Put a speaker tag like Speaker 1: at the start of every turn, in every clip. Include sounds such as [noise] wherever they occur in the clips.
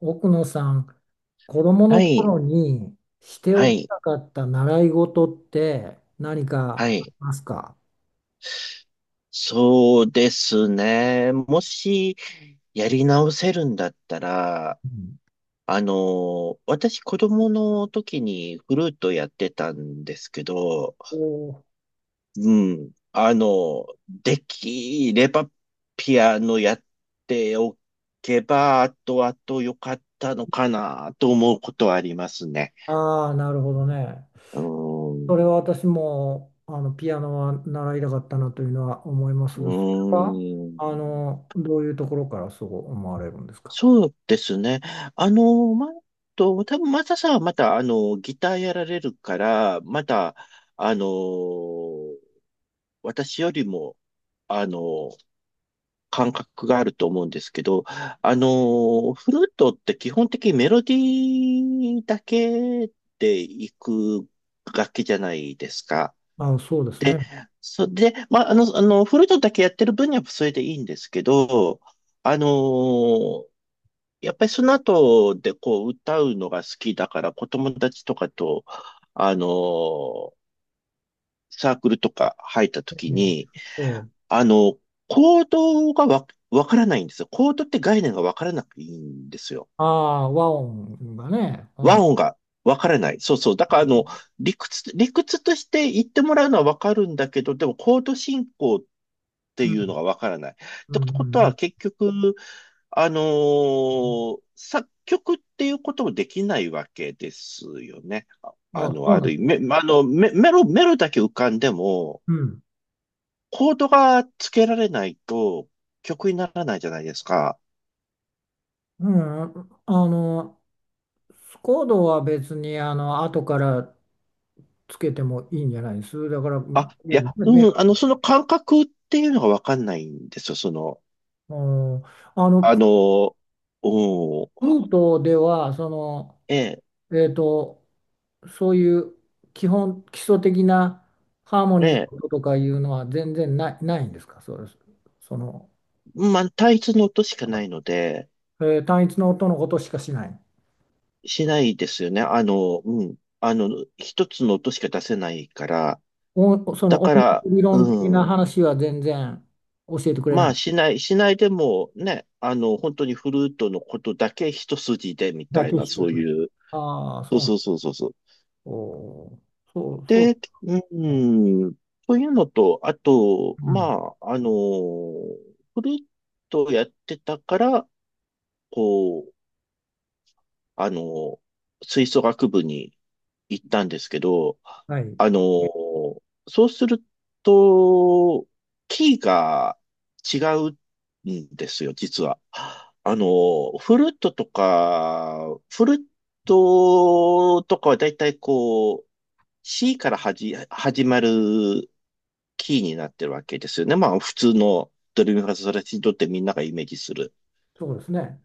Speaker 1: 奥野さん、子供
Speaker 2: は
Speaker 1: の
Speaker 2: い、
Speaker 1: 頃にして
Speaker 2: は
Speaker 1: おき
Speaker 2: い、
Speaker 1: たかった習い事って何
Speaker 2: は
Speaker 1: かあり
Speaker 2: い。
Speaker 1: ますか？
Speaker 2: そうですね。もし、やり直せるんだったら、
Speaker 1: うん、
Speaker 2: 私、子供の時にフルートやってたんですけど、
Speaker 1: お
Speaker 2: うん、できれば、ピアノやっておけば、あとあと良かったのかな、と思うことはありますね。
Speaker 1: ああー、なるほどね。
Speaker 2: う
Speaker 1: そ
Speaker 2: ん、
Speaker 1: れは私もピアノは習いたかったなというのは思います
Speaker 2: う
Speaker 1: が、それは
Speaker 2: ん。
Speaker 1: どういうところからそう思われるんですか？
Speaker 2: そうですね。あの、ま、多分マサさんはまた、ギターやられるから、また、あの、私よりも、あの、感覚があると思うんですけど、フルートって基本的にメロディーだけでいく楽器じゃないですか。
Speaker 1: あ、そうです
Speaker 2: で、
Speaker 1: ね。
Speaker 2: それで、まあ、フルートだけやってる分にはそれでいいんですけど、あのやっぱりその後でこう歌うのが好きだから子供たちとかと、あのーサークルとか入った時に、
Speaker 1: ねええ
Speaker 2: あの、コードがわからないんですよ。コードって概念がわからなくていいんですよ。
Speaker 1: ああ、和音がね。う
Speaker 2: 和
Speaker 1: ん、
Speaker 2: 音がわからない。そうそう。だから理屈として言ってもらうのはわかるんだけど、でもコード進行って
Speaker 1: う
Speaker 2: い
Speaker 1: ん、
Speaker 2: うのがわからない。っ
Speaker 1: う
Speaker 2: て
Speaker 1: ん、う
Speaker 2: こと
Speaker 1: ん。う
Speaker 2: は、
Speaker 1: ん。
Speaker 2: 結局、作曲っていうこともできないわけですよね。
Speaker 1: あ、そう
Speaker 2: あ
Speaker 1: なん
Speaker 2: る
Speaker 1: で
Speaker 2: 意
Speaker 1: す。
Speaker 2: 味、めあの、メメロ、メロだけ浮かんでも、
Speaker 1: うん。
Speaker 2: コードがつけられないと曲にならないじゃないですか。
Speaker 1: うん、あの、スコードは別に後からつけてもいいんじゃないです。だから、うん。
Speaker 2: あ、いや、
Speaker 1: メ
Speaker 2: う
Speaker 1: ロ
Speaker 2: ん、その感覚っていうのがわかんないんですよ。その、
Speaker 1: うん。
Speaker 2: あ
Speaker 1: プ
Speaker 2: のうん、
Speaker 1: ルートでは、
Speaker 2: ええ、
Speaker 1: えーと、そういう基礎的なハーモ
Speaker 2: え
Speaker 1: ニーの
Speaker 2: え、
Speaker 1: 音とかいうのは全然ないんですか？そうです。その、
Speaker 2: まあ、単一の音しかないので、
Speaker 1: 単一の音のことしかしない。
Speaker 2: しないですよね。うん。一つの音しか出せないから。
Speaker 1: お、そ
Speaker 2: だ
Speaker 1: の音
Speaker 2: から、
Speaker 1: 楽理論的
Speaker 2: う
Speaker 1: な
Speaker 2: ん。
Speaker 1: 話は全然教えてくれ
Speaker 2: ま
Speaker 1: な
Speaker 2: あ、
Speaker 1: い。
Speaker 2: しないでもね、本当にフルートのことだけ一筋でみ
Speaker 1: だ
Speaker 2: たい
Speaker 1: け
Speaker 2: な、
Speaker 1: して
Speaker 2: そう
Speaker 1: くれる。
Speaker 2: いう。
Speaker 1: ああ、
Speaker 2: そ
Speaker 1: そう
Speaker 2: う
Speaker 1: なん。
Speaker 2: そうそうそうそう。
Speaker 1: おーそう、そう。
Speaker 2: で、うん。そういうのと、あと、
Speaker 1: うん。
Speaker 2: まあ、フルートをやってたから、こう、あの、吹奏楽部に行ったんですけど、
Speaker 1: はい。
Speaker 2: あのーそうすると、キーが違うんですよ、実は。フルートとかはだいたいこう、C から始まるキーになってるわけですよね。まあ、普通のドレミファソラシドってみんながイメージする。
Speaker 1: そうですね。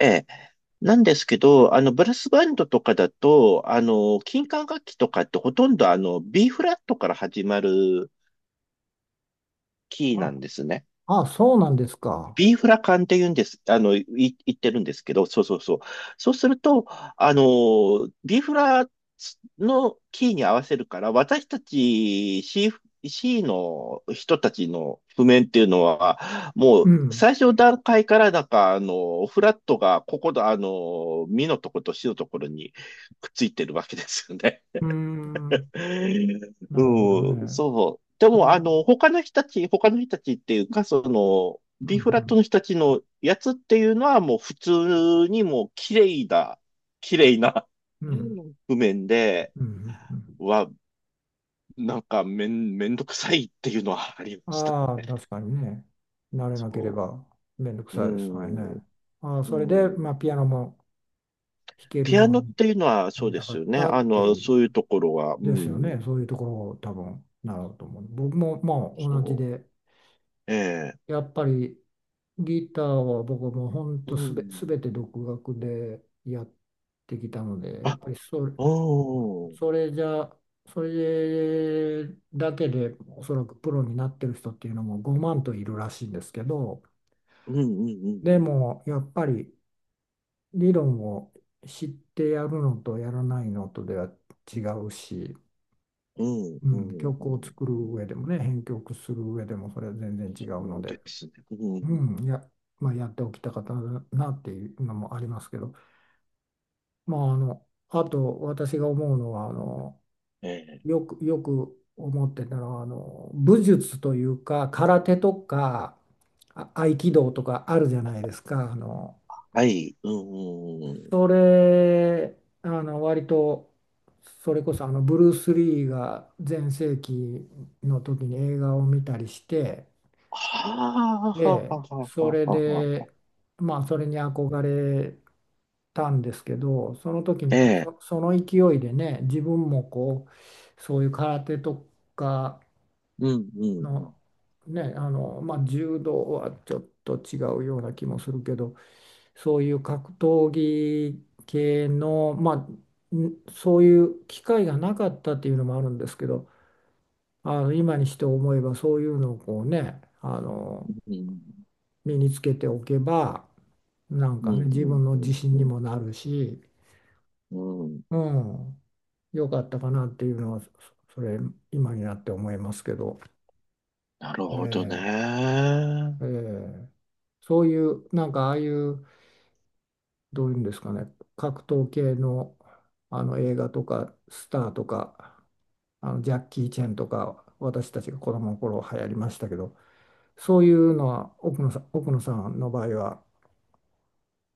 Speaker 2: ええ。なんですけど、ブラスバンドとかだと、金管楽器とかってほとんどB フラットから始まるキーな
Speaker 1: あ、
Speaker 2: んですね。
Speaker 1: あ、そうなんですか。
Speaker 2: ビーフラ缶って言うんです、言ってるんですけど、そうそうそう。そうすると、ビーフラのキーに合わせるから、私たち C の人たちの譜面っていうのは、も
Speaker 1: う
Speaker 2: う
Speaker 1: ん。
Speaker 2: 最初の段階からなんか、フラットがここの、ミのとことシのところにくっついてるわけですよね。
Speaker 1: うー
Speaker 2: [laughs]
Speaker 1: ん。なるほど
Speaker 2: うん、
Speaker 1: ね。
Speaker 2: そう。で
Speaker 1: う
Speaker 2: も、
Speaker 1: ん、うん。
Speaker 2: 他の人たちっていうか、その、
Speaker 1: う
Speaker 2: B フラッ
Speaker 1: ん。
Speaker 2: トの人たちのやつっていうのはもう普通にもう綺麗な
Speaker 1: う
Speaker 2: うん譜面で、
Speaker 1: ん。うん。
Speaker 2: は、なんかめんどくさいっていうのはありました
Speaker 1: ああ
Speaker 2: ね。
Speaker 1: ー、確かにね。慣れなけれ
Speaker 2: そ
Speaker 1: ばめんどく
Speaker 2: う。
Speaker 1: さ
Speaker 2: う
Speaker 1: いですから
Speaker 2: ん。
Speaker 1: ね。ああ、
Speaker 2: う
Speaker 1: それで、
Speaker 2: ん。
Speaker 1: まあ、ピアノも弾ける
Speaker 2: ピア
Speaker 1: よう
Speaker 2: ノっ
Speaker 1: に
Speaker 2: ていうのは
Speaker 1: な
Speaker 2: そう
Speaker 1: り
Speaker 2: で
Speaker 1: たか
Speaker 2: す
Speaker 1: っ
Speaker 2: よね。
Speaker 1: たっていう、
Speaker 2: そういうところは、う
Speaker 1: ですよ
Speaker 2: ん。
Speaker 1: ね。そういうところを多分、なると思う。僕もまあ、同じ
Speaker 2: そ
Speaker 1: で、
Speaker 2: う。ええ。
Speaker 1: やっぱりギターは僕もほん
Speaker 2: う
Speaker 1: とす
Speaker 2: ん。
Speaker 1: べて独学でやってきたので、や
Speaker 2: あ、
Speaker 1: っぱり
Speaker 2: うん。
Speaker 1: それじゃ、それだけでおそらくプロになってる人っていうのも5万といるらしいんですけど、
Speaker 2: うん、う
Speaker 1: で
Speaker 2: ん、
Speaker 1: もやっぱり理論を知ってやるのとやらないのとでは違うし、
Speaker 2: うん、
Speaker 1: う
Speaker 2: う
Speaker 1: ん、
Speaker 2: ん。うん、う
Speaker 1: 曲を
Speaker 2: ん、
Speaker 1: 作
Speaker 2: うん、う
Speaker 1: る
Speaker 2: ん。
Speaker 1: 上でもね、編曲する上でもそれは全然違う
Speaker 2: そ
Speaker 1: の
Speaker 2: う
Speaker 1: で。
Speaker 2: ですね。う
Speaker 1: う
Speaker 2: ん。
Speaker 1: ん、いや、まあ、やっておきたかったなっていうのもありますけど、まあ、あと私が思うのは、
Speaker 2: ええ。
Speaker 1: よく思ってたのは、武術というか、空手とか、合気道とかあるじゃないですか。
Speaker 2: はい。うん、うん、うん。
Speaker 1: それ、割と、それこそ、ブルース・リーが全盛期の時に映画を見たりして、
Speaker 2: はあ、はあ、はあ、
Speaker 1: で、
Speaker 2: は
Speaker 1: それ
Speaker 2: あ、はあ、はあ。
Speaker 1: で、まあ、それに憧れたんですけど、その時に
Speaker 2: え
Speaker 1: も
Speaker 2: え。
Speaker 1: その勢いでね、自分もこう、そういう空手とか
Speaker 2: うん、うん、
Speaker 1: の、ね、まあ、柔道はちょっと違うような気もするけど、そういう格闘技系の、まあ、そういう機会がなかったっていうのもあるんですけど、今にして思えばそういうのをこうね、
Speaker 2: うん。
Speaker 1: 身につけておけば、なん
Speaker 2: う
Speaker 1: か
Speaker 2: ん、う
Speaker 1: ね、自
Speaker 2: ん、
Speaker 1: 分の
Speaker 2: う
Speaker 1: 自
Speaker 2: ん、
Speaker 1: 信に
Speaker 2: うん、
Speaker 1: もなるし、
Speaker 2: うん。うん。
Speaker 1: うん、良かったかなっていうのは、それ、今になって思いますけど、
Speaker 2: なるほど
Speaker 1: ええ
Speaker 2: ね。
Speaker 1: ええそういう、なんかああいう、どういうんですかね、格闘系の、あの映画とか、スターとか、あのジャッキー・チェンとか、私たちが子供の頃流行りましたけど、そういうのは奥野さんの場合は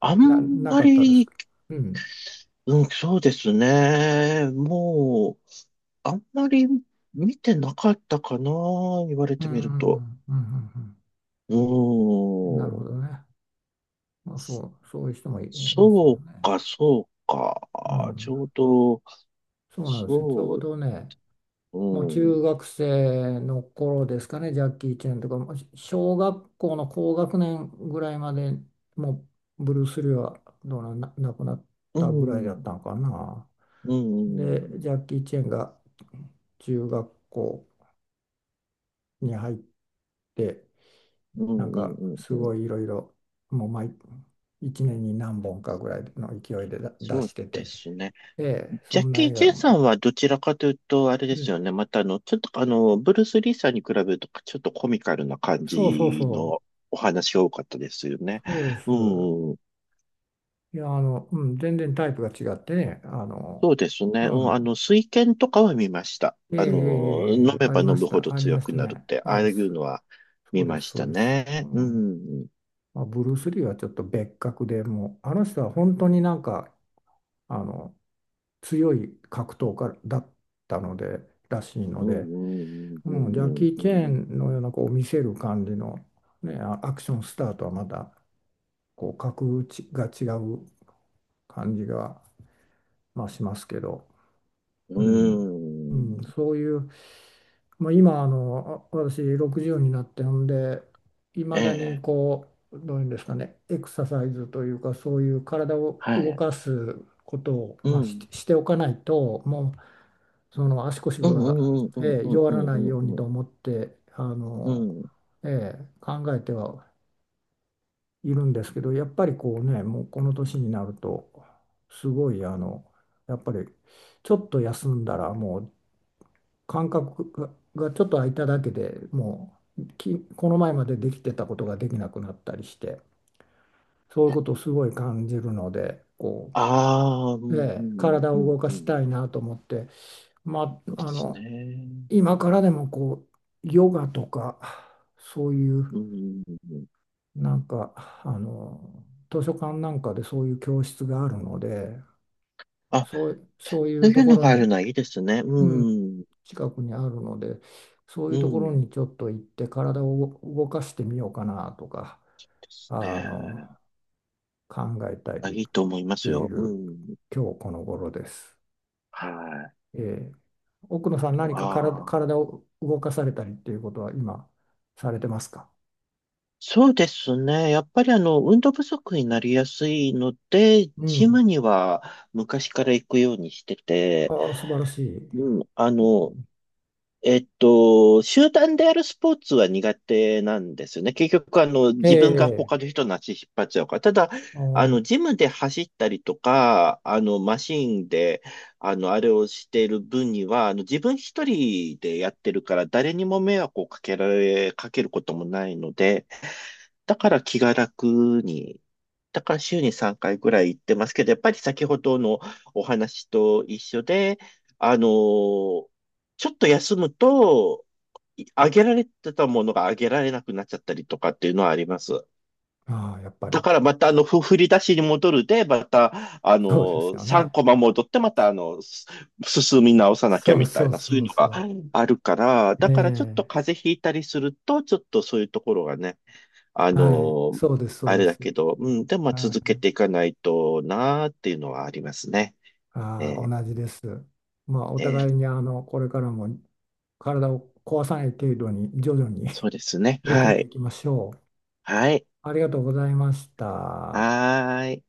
Speaker 2: あん
Speaker 1: な
Speaker 2: ま
Speaker 1: かったです
Speaker 2: り、
Speaker 1: か？うん。
Speaker 2: うん、そうですね、うん、ええ、はい、うん、うん、はあ、はあ、はあ、はあ、はあ、はあ、ええ、うん、うん、うん、うん、うん、うん、うん、うん、うん、なるほどね、あんまり、うん、そうですね、もう、あんまり見てなかったかな。言われ
Speaker 1: うん、う
Speaker 2: てみると。
Speaker 1: ん、うん、
Speaker 2: う
Speaker 1: うん、なるほ
Speaker 2: ん。
Speaker 1: どね。まあ、そういう人もいますも
Speaker 2: そう
Speaker 1: んね。
Speaker 2: か、そう
Speaker 1: う
Speaker 2: か。ち
Speaker 1: ん、
Speaker 2: ょうど、
Speaker 1: そうなんですよ。ちょ
Speaker 2: そ
Speaker 1: う
Speaker 2: う、
Speaker 1: どね、
Speaker 2: う
Speaker 1: もう中
Speaker 2: ん、
Speaker 1: 学生の頃ですかね、ジャッキー・チェンとか、もう小学校の高学年ぐらいまで、もうブルース・リーはどうな、な亡くなっ
Speaker 2: う
Speaker 1: たぐらいだっ
Speaker 2: ん、
Speaker 1: たのかな。
Speaker 2: うん、う
Speaker 1: で、
Speaker 2: ん、
Speaker 1: ジャッキー・チェンが中学校に入って、
Speaker 2: うん、
Speaker 1: なん
Speaker 2: うん、
Speaker 1: かす
Speaker 2: うん、
Speaker 1: ごいいろいろ、もう毎1年に何本かぐらいの勢いで出
Speaker 2: そう
Speaker 1: して
Speaker 2: で
Speaker 1: て、
Speaker 2: すね。
Speaker 1: ええ、
Speaker 2: ジ
Speaker 1: そ
Speaker 2: ャッ
Speaker 1: んな
Speaker 2: キ
Speaker 1: 映
Speaker 2: ー・チ
Speaker 1: 画
Speaker 2: ェン
Speaker 1: を、
Speaker 2: さんはどちらかというと、あれで
Speaker 1: う
Speaker 2: すよ
Speaker 1: ん、
Speaker 2: ね。また、ちょっと、ブルース・リーさんに比べると、ちょっとコミカルな感
Speaker 1: そうそう
Speaker 2: じ
Speaker 1: そ
Speaker 2: のお話が多かったですよね。
Speaker 1: う、そうです。
Speaker 2: うん、
Speaker 1: いや、うん、全然タイプが違ってね、
Speaker 2: そうです
Speaker 1: う
Speaker 2: ね。うん、
Speaker 1: ん、
Speaker 2: 水拳とかは見ました。
Speaker 1: ええ、ええ、え
Speaker 2: 飲
Speaker 1: え、
Speaker 2: め
Speaker 1: あ
Speaker 2: ば
Speaker 1: りま
Speaker 2: 飲
Speaker 1: し
Speaker 2: むほ
Speaker 1: た、
Speaker 2: ど
Speaker 1: ありま
Speaker 2: 強
Speaker 1: し
Speaker 2: く
Speaker 1: た
Speaker 2: なるっ
Speaker 1: ね。
Speaker 2: て、
Speaker 1: え
Speaker 2: ああ
Speaker 1: え、
Speaker 2: い
Speaker 1: そ
Speaker 2: うのは
Speaker 1: そ
Speaker 2: 見
Speaker 1: うで
Speaker 2: ま
Speaker 1: す、
Speaker 2: し
Speaker 1: そう
Speaker 2: た
Speaker 1: です。う
Speaker 2: ね。う
Speaker 1: ん、
Speaker 2: ん。
Speaker 1: まあ、ブルース・リーはちょっと別格でもう、あの人は本当になんか、あの、強い格闘家だったので、らしいの
Speaker 2: うん、う
Speaker 1: で、
Speaker 2: ん、う
Speaker 1: うん、ジャッ
Speaker 2: ん、
Speaker 1: キー・
Speaker 2: う
Speaker 1: チェー
Speaker 2: ん、
Speaker 1: ンのようなこう見せる感じの、ね、アクションスターとはまたこう格打ちが違う感じが、まあ、しますけど、
Speaker 2: う
Speaker 1: うん、う
Speaker 2: ん。う
Speaker 1: ん、
Speaker 2: ん。
Speaker 1: そういう、まあ、今私60になってほんで、い
Speaker 2: え
Speaker 1: まだに
Speaker 2: え、
Speaker 1: こうどういうんですかね、エクササイズというかそういう体を
Speaker 2: は
Speaker 1: 動
Speaker 2: い。
Speaker 1: かすことを、
Speaker 2: う
Speaker 1: まあ、
Speaker 2: ん。
Speaker 1: しておかないと、もうその足腰
Speaker 2: うん、
Speaker 1: が、
Speaker 2: うん、うん、
Speaker 1: ええ、
Speaker 2: うん、
Speaker 1: 弱
Speaker 2: う
Speaker 1: らないよ
Speaker 2: ん、
Speaker 1: うに
Speaker 2: う
Speaker 1: と
Speaker 2: ん、
Speaker 1: 思って、
Speaker 2: うん。うん。
Speaker 1: ええ、考えてはいるんですけど、やっぱりこうね、もうこの年になるとすごい、やっぱりちょっと休んだらもう感覚がちょっと空いただけで、もうこの前までできてたことができなくなったりして、そういうことをすごい感じるので、こ
Speaker 2: ああ、う
Speaker 1: う、え
Speaker 2: ん、う
Speaker 1: え、
Speaker 2: ん、
Speaker 1: 体
Speaker 2: う
Speaker 1: を
Speaker 2: ん、
Speaker 1: 動か
Speaker 2: う
Speaker 1: し
Speaker 2: ん。
Speaker 1: たいなと思って。ま
Speaker 2: そう
Speaker 1: あ、
Speaker 2: ですね。
Speaker 1: 今からでもこうヨガとか、そういう
Speaker 2: うん。
Speaker 1: なんか、図書館なんかでそういう教室があるので、
Speaker 2: あ、
Speaker 1: そうい
Speaker 2: そう
Speaker 1: う
Speaker 2: い
Speaker 1: と
Speaker 2: う
Speaker 1: こ
Speaker 2: の
Speaker 1: ろ
Speaker 2: がある
Speaker 1: に、
Speaker 2: のはいいですね。
Speaker 1: うん、
Speaker 2: うん。
Speaker 1: 近くにあるので、そう
Speaker 2: う
Speaker 1: いうところ
Speaker 2: ん。で
Speaker 1: にちょっと行って体を動かしてみようかなとか、あ
Speaker 2: す
Speaker 1: の
Speaker 2: ね。
Speaker 1: 考えた
Speaker 2: あ、
Speaker 1: り
Speaker 2: いいと思いま
Speaker 1: して
Speaker 2: す
Speaker 1: い
Speaker 2: よ。う
Speaker 1: る
Speaker 2: ん。
Speaker 1: 今日この頃です。
Speaker 2: はい。
Speaker 1: えー、奥野さん
Speaker 2: あ
Speaker 1: 何か
Speaker 2: あ。
Speaker 1: 体を動かされたりっていうことは今されてますか？
Speaker 2: そうですね。やっぱり運動不足になりやすいので、
Speaker 1: う
Speaker 2: ジ
Speaker 1: ん。
Speaker 2: ムには昔から行くようにしてて、
Speaker 1: ああ、素晴らしい。
Speaker 2: うん、
Speaker 1: うん、
Speaker 2: 集団でやるスポーツは苦手なんですよね。結局、自分が
Speaker 1: ええ、
Speaker 2: 他の人の足引っ張っちゃうから。ただ、
Speaker 1: あー、
Speaker 2: ジムで走ったりとか、マシンで、あれをしている分には、自分一人でやってるから、誰にも迷惑をかけることもないので、だから気が楽に、だから週に3回ぐらい行ってますけど、やっぱり先ほどのお話と一緒で、あのーちょっと休むと、あげられてたものがあげられなくなっちゃったりとかっていうのはあります。
Speaker 1: あー、やっぱ
Speaker 2: だ
Speaker 1: り、
Speaker 2: からまた振り出しに戻るで、また、
Speaker 1: そうですよ
Speaker 2: 3
Speaker 1: ね。
Speaker 2: コマ戻って、また進み直さなきゃ
Speaker 1: そう
Speaker 2: みた
Speaker 1: そ
Speaker 2: い
Speaker 1: う
Speaker 2: な、そ
Speaker 1: そ
Speaker 2: ういう
Speaker 1: う
Speaker 2: の
Speaker 1: そ
Speaker 2: が
Speaker 1: う。
Speaker 2: あるから、だからちょっと
Speaker 1: ええ、
Speaker 2: 風邪ひいたりすると、ちょっとそういうところがね、あ
Speaker 1: はい、
Speaker 2: の、
Speaker 1: そうです、そう
Speaker 2: あ
Speaker 1: で
Speaker 2: れだ
Speaker 1: す。
Speaker 2: けど、うん、でもまあ
Speaker 1: は
Speaker 2: 続け
Speaker 1: い、
Speaker 2: ていかないとなーっていうのはありますね。え
Speaker 1: ああ、
Speaker 2: ー
Speaker 1: 同じです。まあ、お
Speaker 2: えー
Speaker 1: 互いに、これからも体を壊さない程度に、徐々に
Speaker 2: そうですね。
Speaker 1: [laughs] 取り
Speaker 2: は
Speaker 1: 組んでい
Speaker 2: い。
Speaker 1: きましょう。
Speaker 2: はい。
Speaker 1: ありがとうございました。
Speaker 2: はーい。